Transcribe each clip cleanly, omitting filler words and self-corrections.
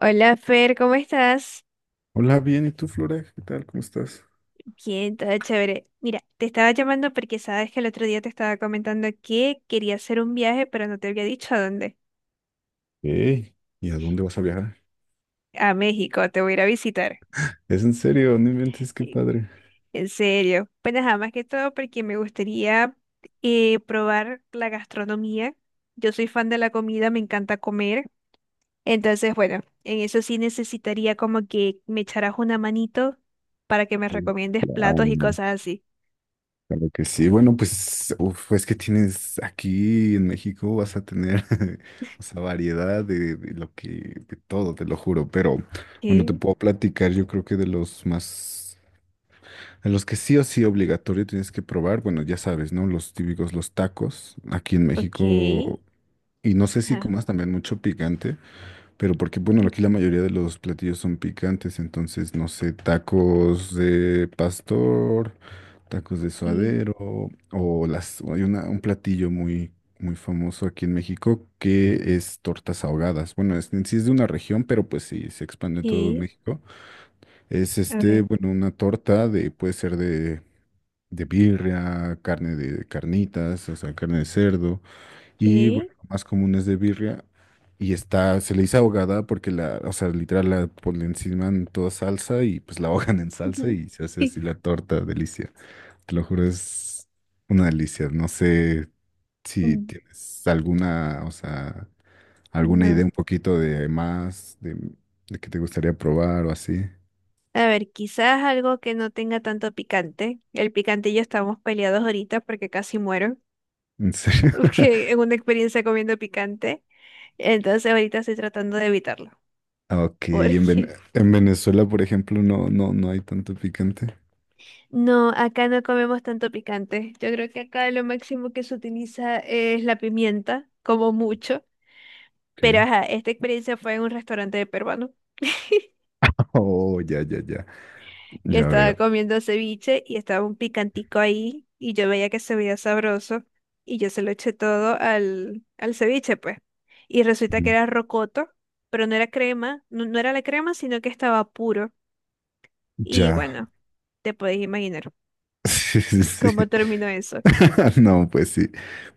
Hola Fer, ¿cómo estás? Hola, bien, ¿y tú, Flora? ¿Qué tal? ¿Cómo estás? Bien, todo chévere. Mira, te estaba llamando porque sabes que el otro día te estaba comentando que quería hacer un viaje, pero no te había dicho a dónde. Ey, ¿y a dónde vas a viajar? A México, te voy a ir a visitar. Es en serio, no inventes, qué Sí, padre. en serio. Pues nada más que todo porque me gustaría probar la gastronomía. Yo soy fan de la comida, me encanta comer. Entonces, bueno, en eso sí necesitaría como que me echaras una manito para que me Mm, recomiendes platos y plan, cosas así. Claro que sí. Bueno, pues, uf, es que tienes aquí en México, vas a tener, o sea, variedad de lo que, de todo, te lo juro. Pero, bueno, te Ok, puedo platicar, yo creo que de los más, de los que sí o sí obligatorio tienes que probar, bueno, ya sabes, ¿no? Los típicos, los tacos, aquí en México, y no sé si ok. comas también mucho picante. Pero porque, bueno, aquí la Ujú. mayoría de los platillos son picantes, entonces, no sé, tacos de pastor, tacos de Que, suadero, o las, o hay una, un platillo muy, muy famoso aquí en México que es tortas ahogadas. Bueno, es, en sí es de una región, pero pues sí, se expande en todo que, México. Es a este, ver, bueno, una torta de, puede ser de birria, carne de carnitas, o sea, carne de cerdo. Y bueno, que, lo más común es de birria. Y está, se le dice ahogada porque la, o sea, literal la ponen encima en toda salsa y pues la ahogan en salsa ujú, y se hace así sí, la torta, delicia. Te lo juro, es una delicia. No sé si mm, tienes alguna, o sea, alguna idea no. un poquito de más, de que te gustaría probar o así. A ver, quizás algo que no tenga tanto picante. El picante y yo estamos peleados ahorita porque casi muero, ¿En serio? porque en una experiencia comiendo picante. Entonces ahorita estoy tratando de evitarlo, Ah, ok, y en, Ven- porque en Venezuela, por ejemplo, no, no, no hay tanto picante. no, acá no comemos tanto picante. Yo creo que acá lo máximo que se utiliza es la pimienta, como mucho. Ok. Pero ajá, esta experiencia fue en un restaurante peruano. Oh, ya, ya, ya. Que Ya estaba veo. comiendo ceviche y estaba un picantico ahí y yo veía que se veía sabroso y yo se lo eché todo al ceviche, pues. Y resulta que Ujú. era rocoto, pero no era crema, no, no era la crema, sino que estaba puro. Y Ya. bueno, te podéis imaginar Sí, sí, sí. cómo terminó eso. No, pues sí.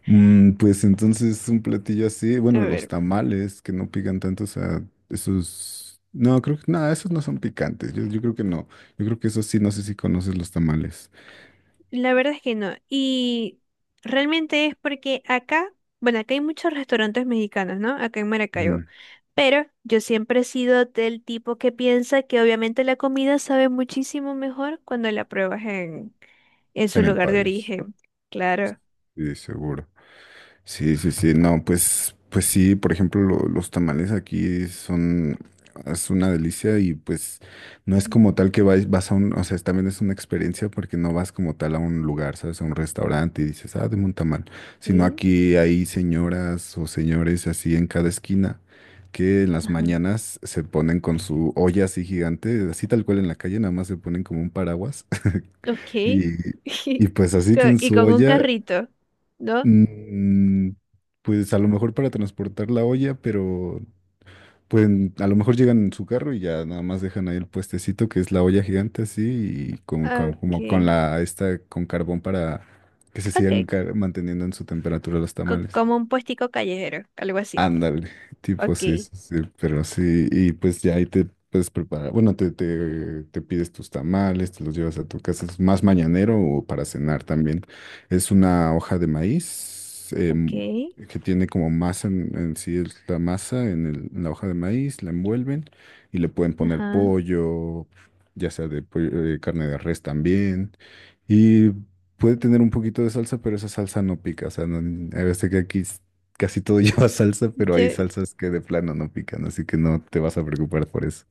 Mm, pues entonces un platillo así, A bueno, los ver, tamales que no pican tanto, o sea, esos, no, creo que, nada, esos no son picantes, yo creo que no, yo creo que esos sí, no sé si conoces los tamales. la verdad es que no. Y realmente es porque acá, bueno, acá hay muchos restaurantes mexicanos, ¿no? Acá en Maracaibo. Ujú. Pero yo siempre he sido del tipo que piensa que obviamente la comida sabe muchísimo mejor cuando la pruebas en su En el lugar de país, origen. Claro. sí, seguro. Sí, sí, sí, no, pues, pues sí, por ejemplo, lo- los tamales aquí son, es una delicia y pues no es como tal que vas, vas a un, o sea, es- también es una experiencia porque no vas como tal a un lugar, ¿sabes? A un restaurante y dices, ah, deme un tamal, sino Ok. aquí hay señoras o señores así en cada esquina que en las Ajá. mañanas se ponen con su olla así gigante, así tal cual en la calle, nada más se ponen como un paraguas Ok. y, y pues así Co- tienen Y su con un olla. carrito, ¿no? Mm, pues a lo mejor para transportar la olla, pero pueden, a lo mejor llegan en su carro y ya nada más dejan ahí el puestecito que es la olla gigante así y con- como con Ok. la esta con carbón para que se Ok. sigan car- manteniendo en su temperatura los Co- tamales. como un puestico callejero, algo así. Ándale, tipo Ok. sí, sí, sí, pero sí, y pues ya ahí te puedes preparar, bueno, te pides tus tamales, te los llevas a tu casa, es más mañanero o para cenar también. Es una hoja de maíz Ok. Que tiene como masa en sí, es la masa en, el- en la hoja de maíz, la envuelven y le pueden poner Ajá. pollo, ya sea de pollo- carne de res también, y puede tener un poquito de salsa, pero esa salsa no pica, o sea, no, a veces que aquí casi todo lleva salsa, pero hay salsas que de plano no pican, así que no te vas a preocupar por eso.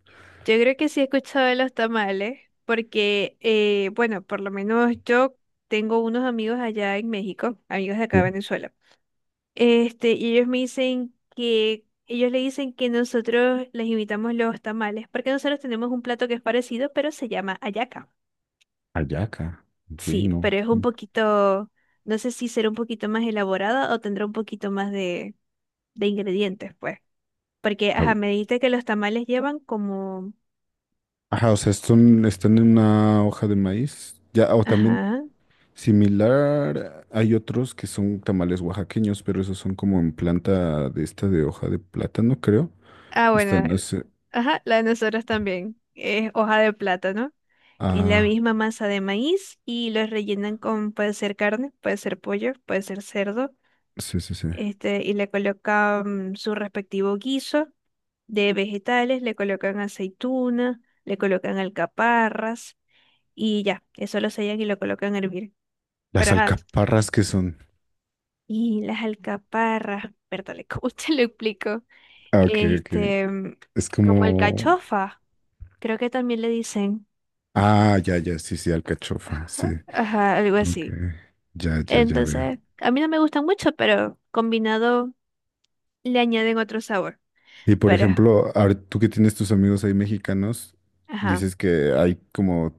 Yo creo que sí he escuchado de los tamales, porque, bueno, por lo menos yo tengo unos amigos allá en México, amigos de acá Sí. de Venezuela. Este, y ellos me dicen que, ellos le dicen que nosotros les invitamos los tamales, porque nosotros tenemos un plato que es parecido, pero se llama hallaca. Ayaca, ok, Sí, no. pero es un poquito, no sé si será un poquito más elaborada o tendrá un poquito más de ingredientes, pues. Porque, A ajá, ver, me dijiste que los tamales llevan como, ajá, o sea, son están en una hoja de maíz. Ya, o también ajá. similar, hay otros que son tamales oaxaqueños, pero esos son como en planta de esta de hoja de plátano, creo. Ah, Y bueno, están el- las, ajá, la de nosotros también. Es hoja de plátano. Es la ah, misma masa de maíz y lo rellenan con, puede ser carne, puede ser pollo, puede ser cerdo. sí, sí, sí. Este, y le colocan su respectivo guiso de vegetales, le colocan aceituna, le colocan alcaparras y ya, eso lo sellan y lo colocan a hervir. Pero Las ajá, alcaparras que son. y las alcaparras, perdón, ¿cómo te lo explico? Ah, ok, ok. Este, Es como como, alcachofa. Creo que también le dicen. ah, ya, ya, sí, sí, alcachofa, sí. Ajá, ajá, algo Ok, así. ya, ya, ya veo. Entonces, a mí no me gustan mucho, pero combinado le añaden otro sabor. Y por Pero, ejemplo, ahora tú que tienes tus amigos ahí mexicanos, ajá. dices que hay como,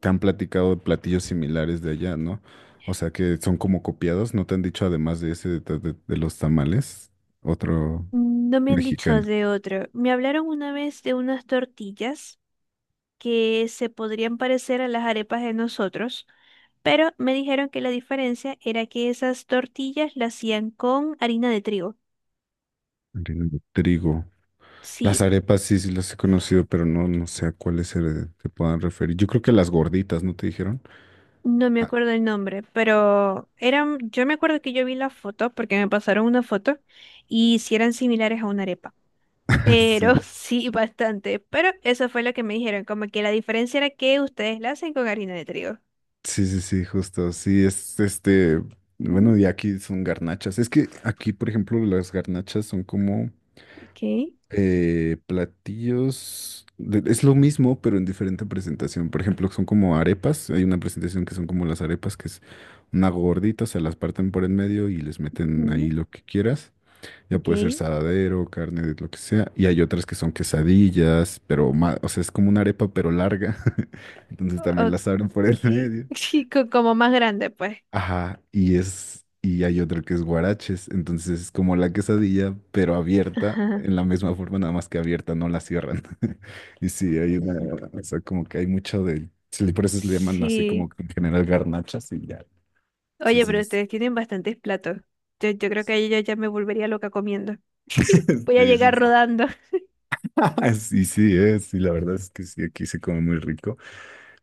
te han platicado de platillos similares de allá, ¿no? O sea, que son como copiados, ¿no te han dicho además de ese, de los tamales, otro No me han dicho mexicano? de otro. Me hablaron una vez de unas tortillas que se podrían parecer a las arepas de nosotros, pero me dijeron que la diferencia era que esas tortillas las hacían con harina de trigo. Harina de trigo. Las Sí, arepas sí, sí las he conocido, pero no, no sé a cuáles se, se puedan referir. Yo creo que las gorditas, ¿no te dijeron? no me Ah, acuerdo el nombre, pero eran, yo me acuerdo que yo vi la foto porque me pasaron una foto y si eran similares a una arepa, pero sí. sí bastante, pero eso fue lo que me dijeron, como que la diferencia era que ustedes la hacen con harina de trigo. Sí, sí, sí, justo. Sí, es este. Bueno, Ujú, y aquí son garnachas. Es que aquí, por ejemplo, las garnachas son como ok, platillos. De- Es lo mismo, pero en diferente presentación. Por ejemplo, son como arepas. Hay una presentación que son como las arepas, que es una gordita, se las parten por en medio y les meten ahí ujú, lo que quieras. Ya ok, puede ser saladero, carne, de lo que sea. Y hay otras que son quesadillas, pero más, o sea, es como una arepa, pero larga. Entonces también las abren por en ok, medio. sí, co- como más grande pues. Ajá, y es, y hay otra que es guaraches, entonces es como la quesadilla, pero abierta, Ajá, en la misma forma, nada más que abierta, no la cierran. Y sí, hay una, o sea, como que hay mucho de, sí, por eso se le llaman así como sí. que en general garnachas y ya. Sí, Oye, sí, pero es- ustedes tienen bastantes platos. Yo creo que yo ya me volvería loca comiendo. Voy a sí, sí, llegar sí. rodando. Ah, sí, sí, es, sí, la verdad es que sí, aquí se come muy rico.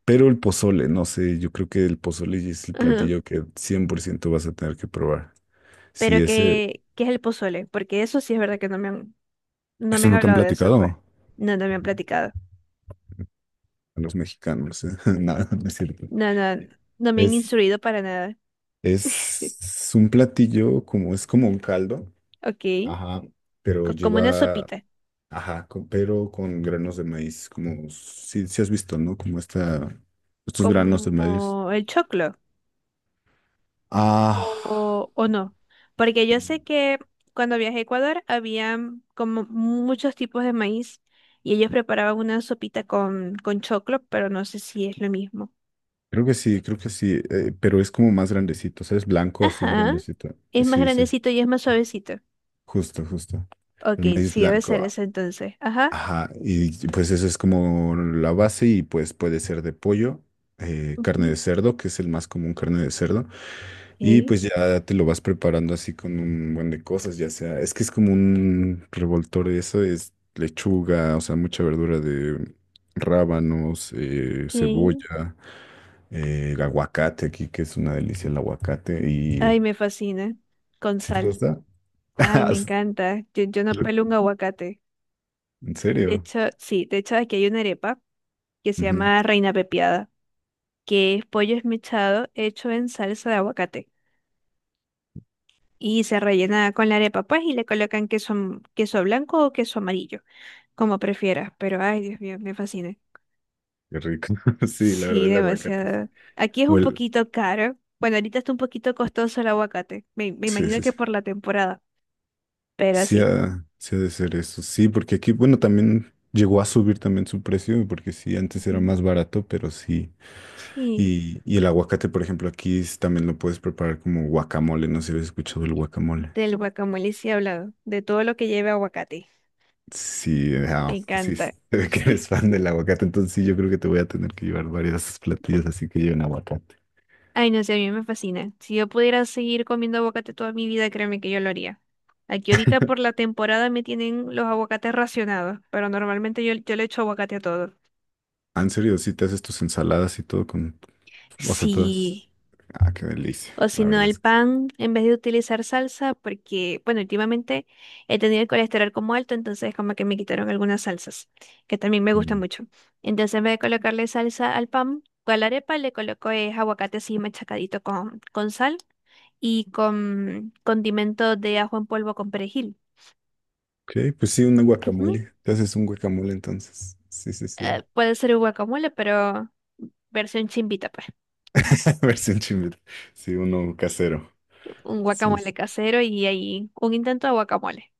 Pero el pozole, no sé, yo creo que el pozole es el Ajá. platillo que 100% vas a tener que probar. Sí, Pero ese, ¿qué, qué es el pozole? Porque eso sí es verdad que no me han, no me eso han no te han hablado de eso, pues. platicado. No, no me han platicado. A los mexicanos. Nada, no es cierto. No, no, no me han Es, instruido para nada. es un platillo como, es como un caldo, Ok. ajá, pero Co- como una lleva, sopita. ajá, con- pero con granos de maíz, como, si, si has visto, ¿no? Como esta, estos granos de maíz. Como el choclo. Ah, O no. Porque yo sé que cuando viajé a Ecuador había como muchos tipos de maíz y ellos preparaban una sopita con choclo, pero no sé si es lo mismo. Creo que sí, pero es como más grandecito, o sea, es blanco así Ajá. grandecito. Es más Sí, sí, grandecito y es más suavecito. justo, justo. Ok, El maíz sí debe blanco. ser Ah. eso entonces. Ajá. Ajá, y pues eso es como la base y pues puede ser de pollo, carne Ujú. de cerdo, que es el más común, carne de cerdo, y Ok, pues ya te lo vas preparando así con un buen de cosas, ya sea, es que es como un revoltor, eso es lechuga, o sea, mucha verdura de rábanos, ok. cebolla, el aguacate aquí, que es una delicia el aguacate, y Ay, me fascina. Con ¿si te sal. gusta? Ay, me encanta. Yo no pelo un aguacate. ¿En De serio? hecho, sí, de hecho aquí hay una arepa que se Ujú. llama Reina Pepiada, que es pollo esmechado hecho en salsa de aguacate. Y se rellena con la arepa, pues, y le colocan queso, am- queso blanco o queso amarillo, como prefieras. Pero, ay, Dios mío, me fascina. Qué rico. Sí, la Sí, verdad el aguacate. Sí. demasiado. Aquí es O un el, poquito caro. Bueno, ahorita está un poquito costoso el aguacate. Me sí, imagino sí, que sí. por la temporada, pero Sí sí. ha, sí ha de ser eso. Sí, porque aquí, bueno, también llegó a subir también su precio, porque sí, antes era Ujú. más barato, pero sí. Sí, Y el aguacate, por ejemplo, aquí es- también lo puedes preparar como guacamole. No sé si habías escuchado el guacamole. del guacamole sí he hablado, de todo lo que lleve aguacate. Sí, Me ah, pues sí, se encanta. ve que eres fan del aguacate, entonces sí, yo creo que te voy a tener que llevar varias platillas así que lleven aguacate. Ay, no sé, a mí me fascina. Si yo pudiera seguir comiendo aguacate toda mi vida, créeme que yo lo haría. Aquí ahorita por la temporada me tienen los aguacates racionados, pero normalmente yo le echo aguacate a todo. Ah, en serio, sí te haces tus ensaladas y todo con, o sea, todas. Sí. Ah, qué delicia, O si la no, verdad el es que sí. pan, en vez de utilizar salsa, porque, bueno, últimamente he tenido el colesterol como alto, entonces como que me quitaron algunas salsas, que también me gustan Mm. mucho. Entonces, en vez de colocarle salsa al pan, con la arepa le coloco es aguacate así machacadito con sal y con condimento de ajo en polvo con perejil. Ok, pues sí, una Ujú. guacamole. Te haces un guacamole entonces. Sí, sí, sí. Puede ser un guacamole, pero versión chimbita, pues. Versión chimil. Sí, uno casero. Un Sí, guacamole sí. casero y ahí un intento de guacamole.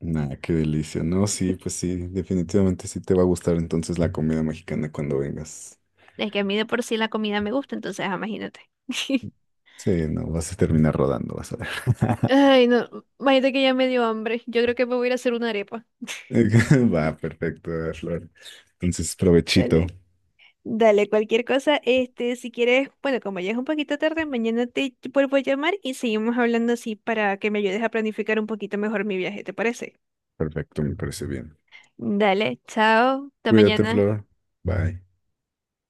Nah, qué delicia. No, sí, pues sí, definitivamente sí te va a gustar entonces la comida mexicana cuando vengas. Es que a mí de por sí la comida me gusta, entonces ah, imagínate. Sí, no, vas a terminar rodando, vas a ver. Ay, no, imagínate que ya me dio hambre. Yo creo que me voy a ir a hacer una arepa. Va, perfecto, Flor. Entonces, provechito. Dale, dale, cualquier cosa, este, si quieres, bueno, como ya es un poquito tarde, mañana te vuelvo a llamar y seguimos hablando así para que me ayudes a planificar un poquito mejor mi viaje, ¿te parece? Perfecto, me parece bien. Dale, chao, hasta Cuídate, mañana. Flor. Bye.